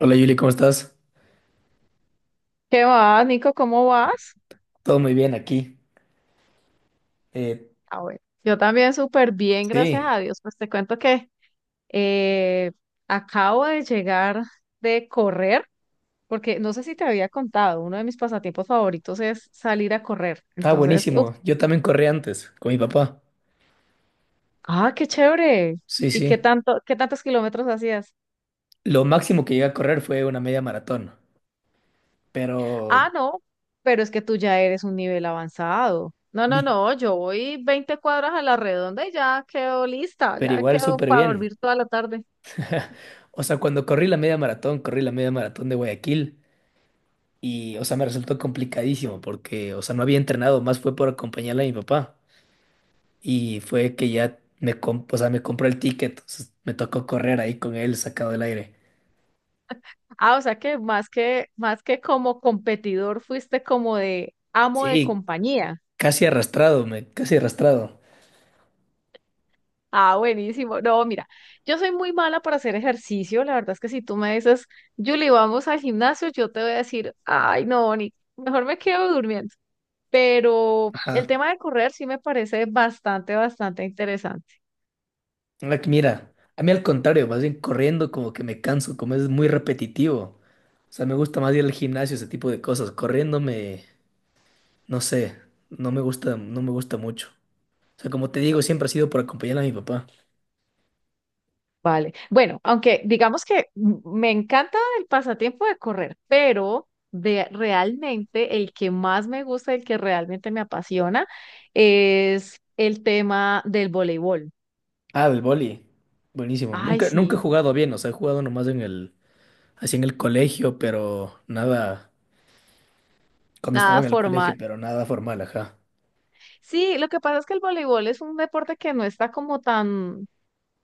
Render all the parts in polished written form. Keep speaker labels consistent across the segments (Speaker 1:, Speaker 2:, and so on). Speaker 1: Hola, Yuli, ¿cómo estás?
Speaker 2: ¿Qué va, Nico? ¿Cómo vas?
Speaker 1: Todo muy bien aquí. Eh,
Speaker 2: Ah, bueno, yo también súper bien, gracias
Speaker 1: sí,
Speaker 2: a Dios. Pues te cuento que eh, acabo de llegar de correr, porque no sé si te había contado, uno de mis pasatiempos favoritos es salir a correr.
Speaker 1: está
Speaker 2: Entonces, uf,
Speaker 1: buenísimo. Yo también corrí antes con mi papá.
Speaker 2: ah, qué chévere.
Speaker 1: Sí,
Speaker 2: ¿Y qué
Speaker 1: sí.
Speaker 2: tanto, qué tantos kilómetros hacías?
Speaker 1: Lo máximo que llegué a correr fue una media maratón, pero,
Speaker 2: Ah, no, pero es que tú ya eres un nivel avanzado. No, no,
Speaker 1: ni-
Speaker 2: no, yo voy 20 cuadras a la redonda y ya quedo lista,
Speaker 1: pero
Speaker 2: ya
Speaker 1: igual
Speaker 2: quedo
Speaker 1: súper
Speaker 2: para
Speaker 1: bien.
Speaker 2: dormir toda la tarde.
Speaker 1: O sea, cuando corrí la media maratón, corrí la media maratón de Guayaquil y, o sea, me resultó complicadísimo porque, o sea, no había entrenado, más fue por acompañarle a mi papá y fue que ya o sea, me compró el ticket, entonces me tocó correr ahí con él sacado del aire.
Speaker 2: Ah, o sea que más que como competidor, fuiste como de amo de
Speaker 1: Sí,
Speaker 2: compañía.
Speaker 1: casi arrastrado, me, casi arrastrado.
Speaker 2: Ah, buenísimo. No, mira, yo soy muy mala para hacer ejercicio. La verdad es que si tú me dices, Julie, vamos al gimnasio, yo te voy a decir, ay, no, ni, mejor me quedo durmiendo. Pero el
Speaker 1: Ajá.
Speaker 2: tema de correr sí me parece bastante interesante.
Speaker 1: Mira, a mí al contrario, más bien corriendo como que me canso, como es muy repetitivo. O sea, me gusta más ir al gimnasio, ese tipo de cosas. Corriendo me, no sé, no me gusta, no me gusta mucho. O sea, como te digo, siempre ha sido por acompañar a mi papá.
Speaker 2: Vale. Bueno, aunque digamos que me encanta el pasatiempo de correr, pero de realmente el que más me gusta, el que realmente me apasiona, es el tema del voleibol.
Speaker 1: Ah, del boli. Buenísimo.
Speaker 2: Ay,
Speaker 1: Nunca, nunca he
Speaker 2: sí,
Speaker 1: jugado bien, o sea, he jugado nomás en el, así en el colegio, pero nada, cuando estaba
Speaker 2: nada
Speaker 1: en el
Speaker 2: formal.
Speaker 1: colegio, pero nada formal, ajá.
Speaker 2: Sí, lo que pasa es que el voleibol es un deporte que no está como tan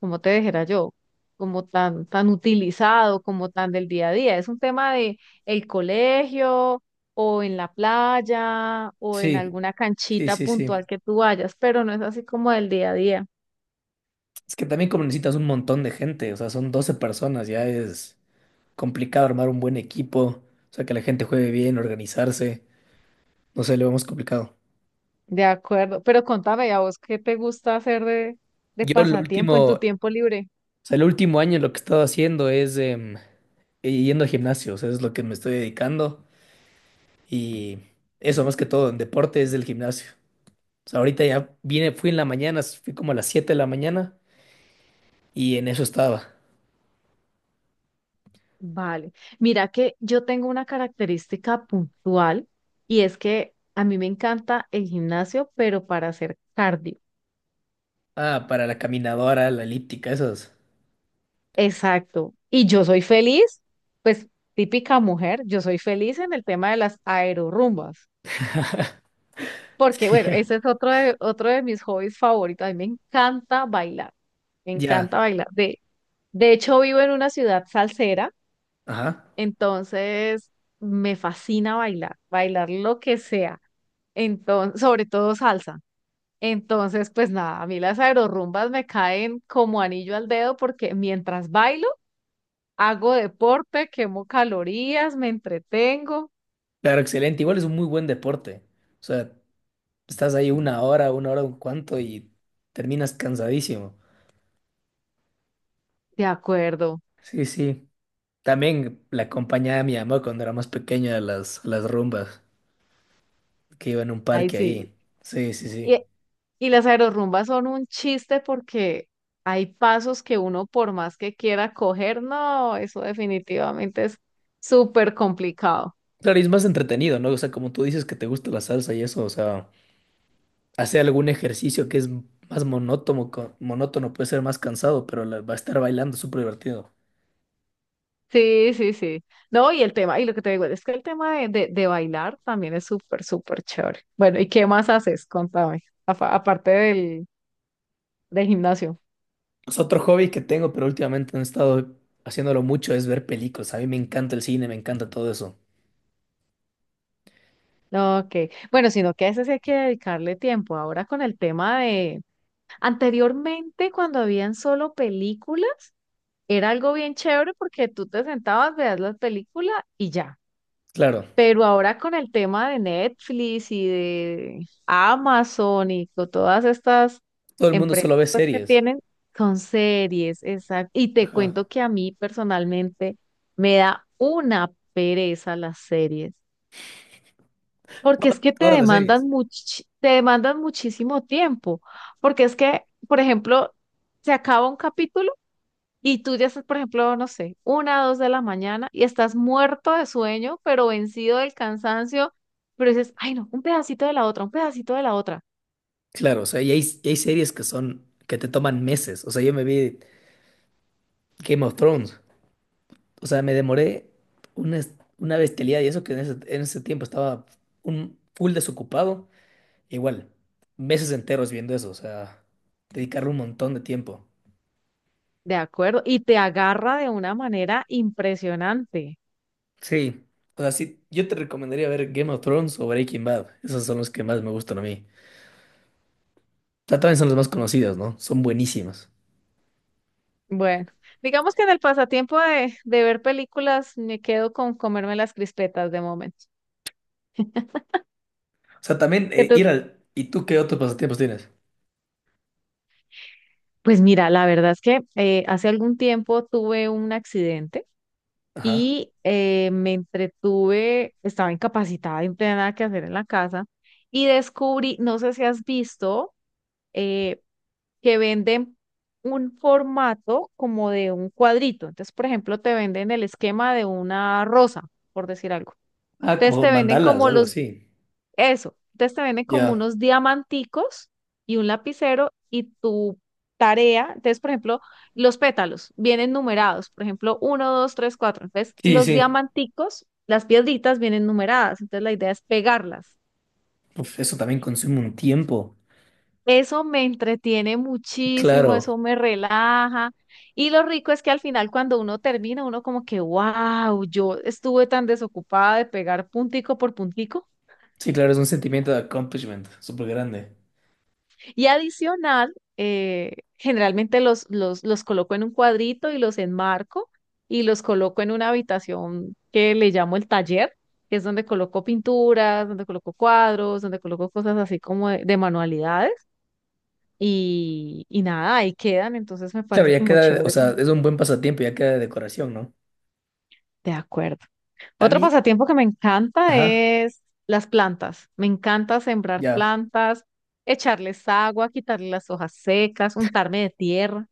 Speaker 2: como te dijera yo, tan utilizado, como tan del día a día. Es un tema de el colegio o en la playa o en
Speaker 1: Sí,
Speaker 2: alguna
Speaker 1: sí,
Speaker 2: canchita
Speaker 1: sí, sí.
Speaker 2: puntual que tú vayas, pero no es así como del día a día.
Speaker 1: Es que también como necesitas un montón de gente, o sea, son 12 personas, ya es complicado armar un buen equipo, o sea, que la gente juegue bien, organizarse, no sé, lo vemos complicado.
Speaker 2: De acuerdo, pero contame a vos qué te gusta hacer de
Speaker 1: Yo lo último,
Speaker 2: pasatiempo en tu
Speaker 1: o
Speaker 2: tiempo libre.
Speaker 1: sea, el último año lo que he estado haciendo es yendo a gimnasio, o sea, es lo que me estoy dedicando y eso más que todo en deporte es el gimnasio. O sea, ahorita ya vine, fui en la mañana, fui como a las 7 de la mañana y en eso estaba.
Speaker 2: Vale, mira que yo tengo una característica puntual y es que a mí me encanta el gimnasio, pero para hacer cardio.
Speaker 1: Ah, para la caminadora, la elíptica, esas.
Speaker 2: Exacto. Y yo soy feliz, pues típica mujer, yo soy feliz en el tema de las aerorrumbas, porque bueno, ese es otro de mis hobbies favoritos. A mí me encanta bailar, me
Speaker 1: Ya,
Speaker 2: encanta bailar. De hecho, vivo en una ciudad salsera,
Speaker 1: ajá.
Speaker 2: entonces me fascina bailar, bailar lo que sea, entonces, sobre todo salsa. Entonces, pues nada, a mí las aerorrumbas me caen como anillo al dedo porque mientras bailo, hago deporte, quemo calorías, me entretengo.
Speaker 1: Claro, excelente. Igual es un muy buen deporte. O sea, estás ahí una hora, un cuanto y terminas cansadísimo.
Speaker 2: De acuerdo,
Speaker 1: Sí, sí. También la acompañaba mi mamá cuando era más pequeña a las rumbas, que iba en un
Speaker 2: ahí
Speaker 1: parque
Speaker 2: sí.
Speaker 1: ahí. Sí, sí,
Speaker 2: Y,
Speaker 1: sí.
Speaker 2: y las aerorrumbas son un chiste porque hay pasos que uno por más que quiera coger, no, eso definitivamente es súper complicado.
Speaker 1: Claro, y es más entretenido, ¿no? O sea, como tú dices que te gusta la salsa y eso, o sea, hacer algún ejercicio que es más monótono, monótono puede ser más cansado, va a estar bailando súper divertido.
Speaker 2: Sí, sí, sí. No, y lo que te digo es que el tema de bailar también es súper chévere. Bueno, ¿y qué más haces? Contame, aparte del gimnasio.
Speaker 1: Es otro hobby que tengo, pero últimamente no he estado haciéndolo mucho, es ver películas. A mí me encanta el cine, me encanta todo eso.
Speaker 2: No, ok, bueno, sino que a ese sí hay que dedicarle tiempo. Ahora con el tema de... Anteriormente, cuando habían solo películas, era algo bien chévere porque tú te sentabas, veías la película y ya.
Speaker 1: Claro,
Speaker 2: Pero ahora con el tema de Netflix y de Amazon y con todas estas
Speaker 1: todo el mundo solo
Speaker 2: empresas
Speaker 1: ve
Speaker 2: pues, que
Speaker 1: series.
Speaker 2: tienen, son series, exacto. Y te
Speaker 1: Ajá.
Speaker 2: cuento que a mí personalmente me da una pereza las series. Porque es que te
Speaker 1: Todas las series.
Speaker 2: demandan te demandan muchísimo tiempo. Porque es que, por ejemplo, se acaba un capítulo y tú ya estás, por ejemplo, no sé, 1 o 2 de la mañana y estás muerto de sueño, pero vencido del cansancio, pero dices, ay no, un pedacito de la otra, un pedacito de la otra.
Speaker 1: Claro, o sea, y hay series que son, que te toman meses. O sea, yo me vi Game of Thrones. O sea, me demoré una, es- una bestialidad y eso que en ese tiempo estaba un full desocupado. Igual, meses enteros viendo eso. O sea, dedicarle un montón de tiempo.
Speaker 2: De acuerdo. Y te agarra de una manera impresionante.
Speaker 1: Sí. O sea, sí, yo te recomendaría ver Game of Thrones o Breaking Bad. Esos son los que más me gustan a mí. O sea, también son los más conocidos, ¿no? Son buenísimos.
Speaker 2: Bueno, digamos que en el pasatiempo de ver películas me quedo con comerme las crispetas de momento.
Speaker 1: O sea, también
Speaker 2: ¿Qué tú
Speaker 1: ir al... ¿Y tú qué otros pasatiempos tienes?
Speaker 2: pues mira, la verdad es que hace algún tiempo tuve un accidente
Speaker 1: Ajá.
Speaker 2: y me entretuve, estaba incapacitada y no tenía nada que hacer en la casa y descubrí, no sé si has visto, eh, que venden un formato como de un cuadrito. Entonces, por ejemplo, te venden el esquema de una rosa, por decir algo.
Speaker 1: Ah,
Speaker 2: Entonces
Speaker 1: como
Speaker 2: te venden
Speaker 1: mandalas,
Speaker 2: como
Speaker 1: algo
Speaker 2: los
Speaker 1: así.
Speaker 2: eso. Entonces te venden como
Speaker 1: Ya.
Speaker 2: unos diamanticos y un lapicero y tu tarea. Entonces, por ejemplo, los pétalos vienen numerados. Por ejemplo, uno, dos, tres, cuatro. Entonces,
Speaker 1: Sí,
Speaker 2: los
Speaker 1: sí.
Speaker 2: diamanticos, las piedritas vienen numeradas. Entonces, la idea es pegarlas.
Speaker 1: Uf, eso también consume un tiempo.
Speaker 2: Eso me entretiene muchísimo,
Speaker 1: Claro.
Speaker 2: eso me relaja. Y lo rico es que al final cuando uno termina, uno como que, wow, yo estuve tan desocupada de pegar puntico por puntico.
Speaker 1: Sí, claro, es un sentimiento de accomplishment súper grande.
Speaker 2: Y adicional, generalmente los coloco en un cuadrito y los enmarco y los coloco en una habitación que le llamo el taller, que es donde coloco pinturas, donde coloco cuadros, donde coloco cosas así como de manualidades y nada, ahí quedan, entonces me
Speaker 1: Claro,
Speaker 2: parece
Speaker 1: ya
Speaker 2: como
Speaker 1: queda, o
Speaker 2: chévere
Speaker 1: sea,
Speaker 2: también.
Speaker 1: es un buen pasatiempo, ya queda de decoración, ¿no?
Speaker 2: De acuerdo.
Speaker 1: A
Speaker 2: Otro
Speaker 1: mí,
Speaker 2: pasatiempo que me encanta
Speaker 1: ajá,
Speaker 2: es las plantas. Me encanta sembrar
Speaker 1: ya.
Speaker 2: plantas, echarles agua, quitarle las hojas secas, untarme de tierra.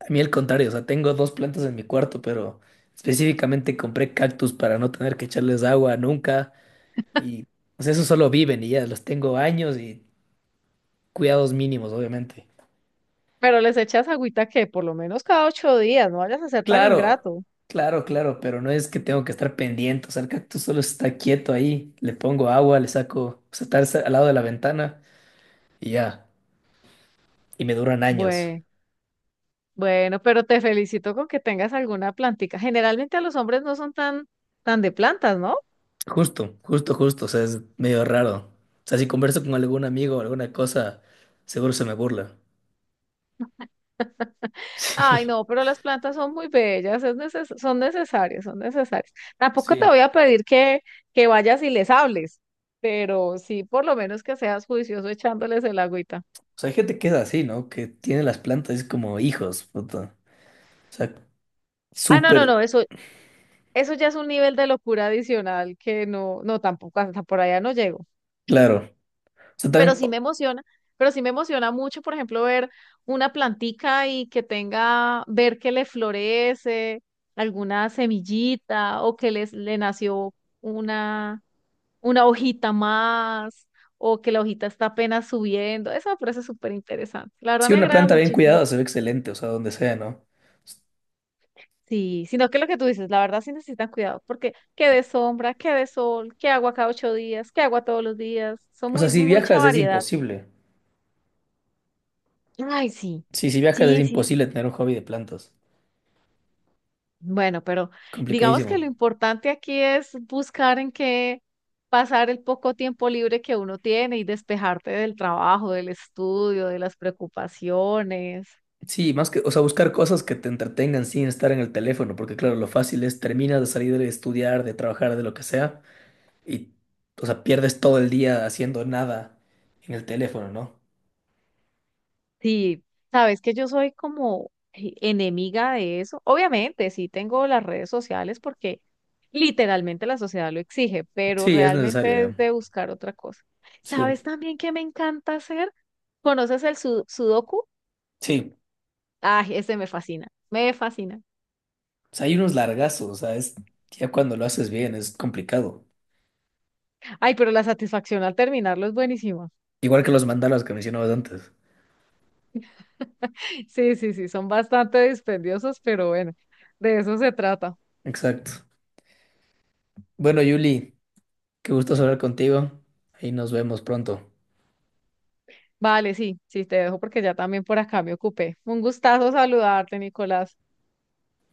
Speaker 1: A mí al contrario, o sea, tengo dos plantas en mi cuarto, pero específicamente compré cactus para no tener que echarles agua nunca y o sea, eso solo viven y ya los tengo años y cuidados mínimos, obviamente.
Speaker 2: Pero les echas agüita que por lo menos cada 8 días, no vayas a ser tan
Speaker 1: Claro,
Speaker 2: ingrato.
Speaker 1: claro, claro, pero no es que tengo que estar pendiente, o sea, el cactus solo está quieto ahí, le pongo agua, le saco, o sea, está al lado de la ventana y ya, y me duran años.
Speaker 2: Bueno, bueno, pero te felicito con que tengas alguna plantica. Generalmente a los hombres no son tan de plantas, ¿no?
Speaker 1: Justo, justo, justo, o sea, es medio raro. O sea, si converso con algún amigo o alguna cosa, seguro se me burla. Sí.
Speaker 2: Ay, no, pero las plantas son muy bellas, es son necesarias, son necesarias. Tampoco te voy
Speaker 1: Sí,
Speaker 2: a pedir que vayas y les hables, pero sí por lo menos que seas juicioso echándoles el agüita.
Speaker 1: o sea, hay gente que es así, ¿no? Que tiene las plantas como hijos, puta. O sea,
Speaker 2: Ah, no, no,
Speaker 1: súper
Speaker 2: no, eso ya es un nivel de locura adicional que no, no, tampoco hasta por allá no llego.
Speaker 1: claro. O sea,
Speaker 2: Pero
Speaker 1: también,
Speaker 2: sí me emociona, pero sí me emociona mucho, por ejemplo, ver una plantica y que tenga, ver que le florece alguna semillita o que les, le nació una, una hojita más o que la hojita está apenas subiendo. Eso me parece súper interesante. La verdad
Speaker 1: si
Speaker 2: me
Speaker 1: una
Speaker 2: agrada
Speaker 1: planta bien
Speaker 2: muchísimo.
Speaker 1: cuidada se ve excelente, o sea, donde sea, ¿no?
Speaker 2: Sí, sino que lo que tú dices, la verdad sí necesitan cuidado, porque que de sombra, que de sol, que agua cada 8 días, que agua todos los días, son
Speaker 1: O sea,
Speaker 2: muy,
Speaker 1: si
Speaker 2: mucha
Speaker 1: viajas es
Speaker 2: variedad.
Speaker 1: imposible.
Speaker 2: Ay, sí.
Speaker 1: Sí, si viajas es
Speaker 2: Sí, sí, sí.
Speaker 1: imposible tener un hobby de plantas.
Speaker 2: Bueno, pero digamos que
Speaker 1: Complicadísimo.
Speaker 2: lo importante aquí es buscar en qué pasar el poco tiempo libre que uno tiene y despejarte del trabajo, del estudio, de las preocupaciones.
Speaker 1: Sí, más que, o sea, buscar cosas que te entretengan sin estar en el teléfono, porque claro, lo fácil es terminas de salir de estudiar, de trabajar, de lo que sea, y, o sea, pierdes todo el día haciendo nada en el teléfono, ¿no?
Speaker 2: Sí, sabes que yo soy como enemiga de eso. Obviamente, sí tengo las redes sociales porque literalmente la sociedad lo exige, pero
Speaker 1: Sí, es necesario
Speaker 2: realmente
Speaker 1: ya.
Speaker 2: es de buscar otra cosa. ¿Sabes
Speaker 1: Sí,
Speaker 2: también qué me encanta hacer? ¿Conoces el sudoku?
Speaker 1: sí.
Speaker 2: Ay, ese me fascina, me fascina.
Speaker 1: O sea, hay unos largazos, o sea, es ya cuando lo haces bien es complicado.
Speaker 2: Ay, pero la satisfacción al terminarlo es buenísima.
Speaker 1: Igual que los mandalas que mencionabas antes.
Speaker 2: Sí, sí, sí, son bastante dispendiosos, pero bueno, de eso se trata.
Speaker 1: Exacto. Bueno, Yuli, qué gusto hablar contigo. Ahí nos vemos pronto.
Speaker 2: Vale, sí, sí, te dejo porque ya también por acá me ocupé. Un gustazo saludarte, Nicolás.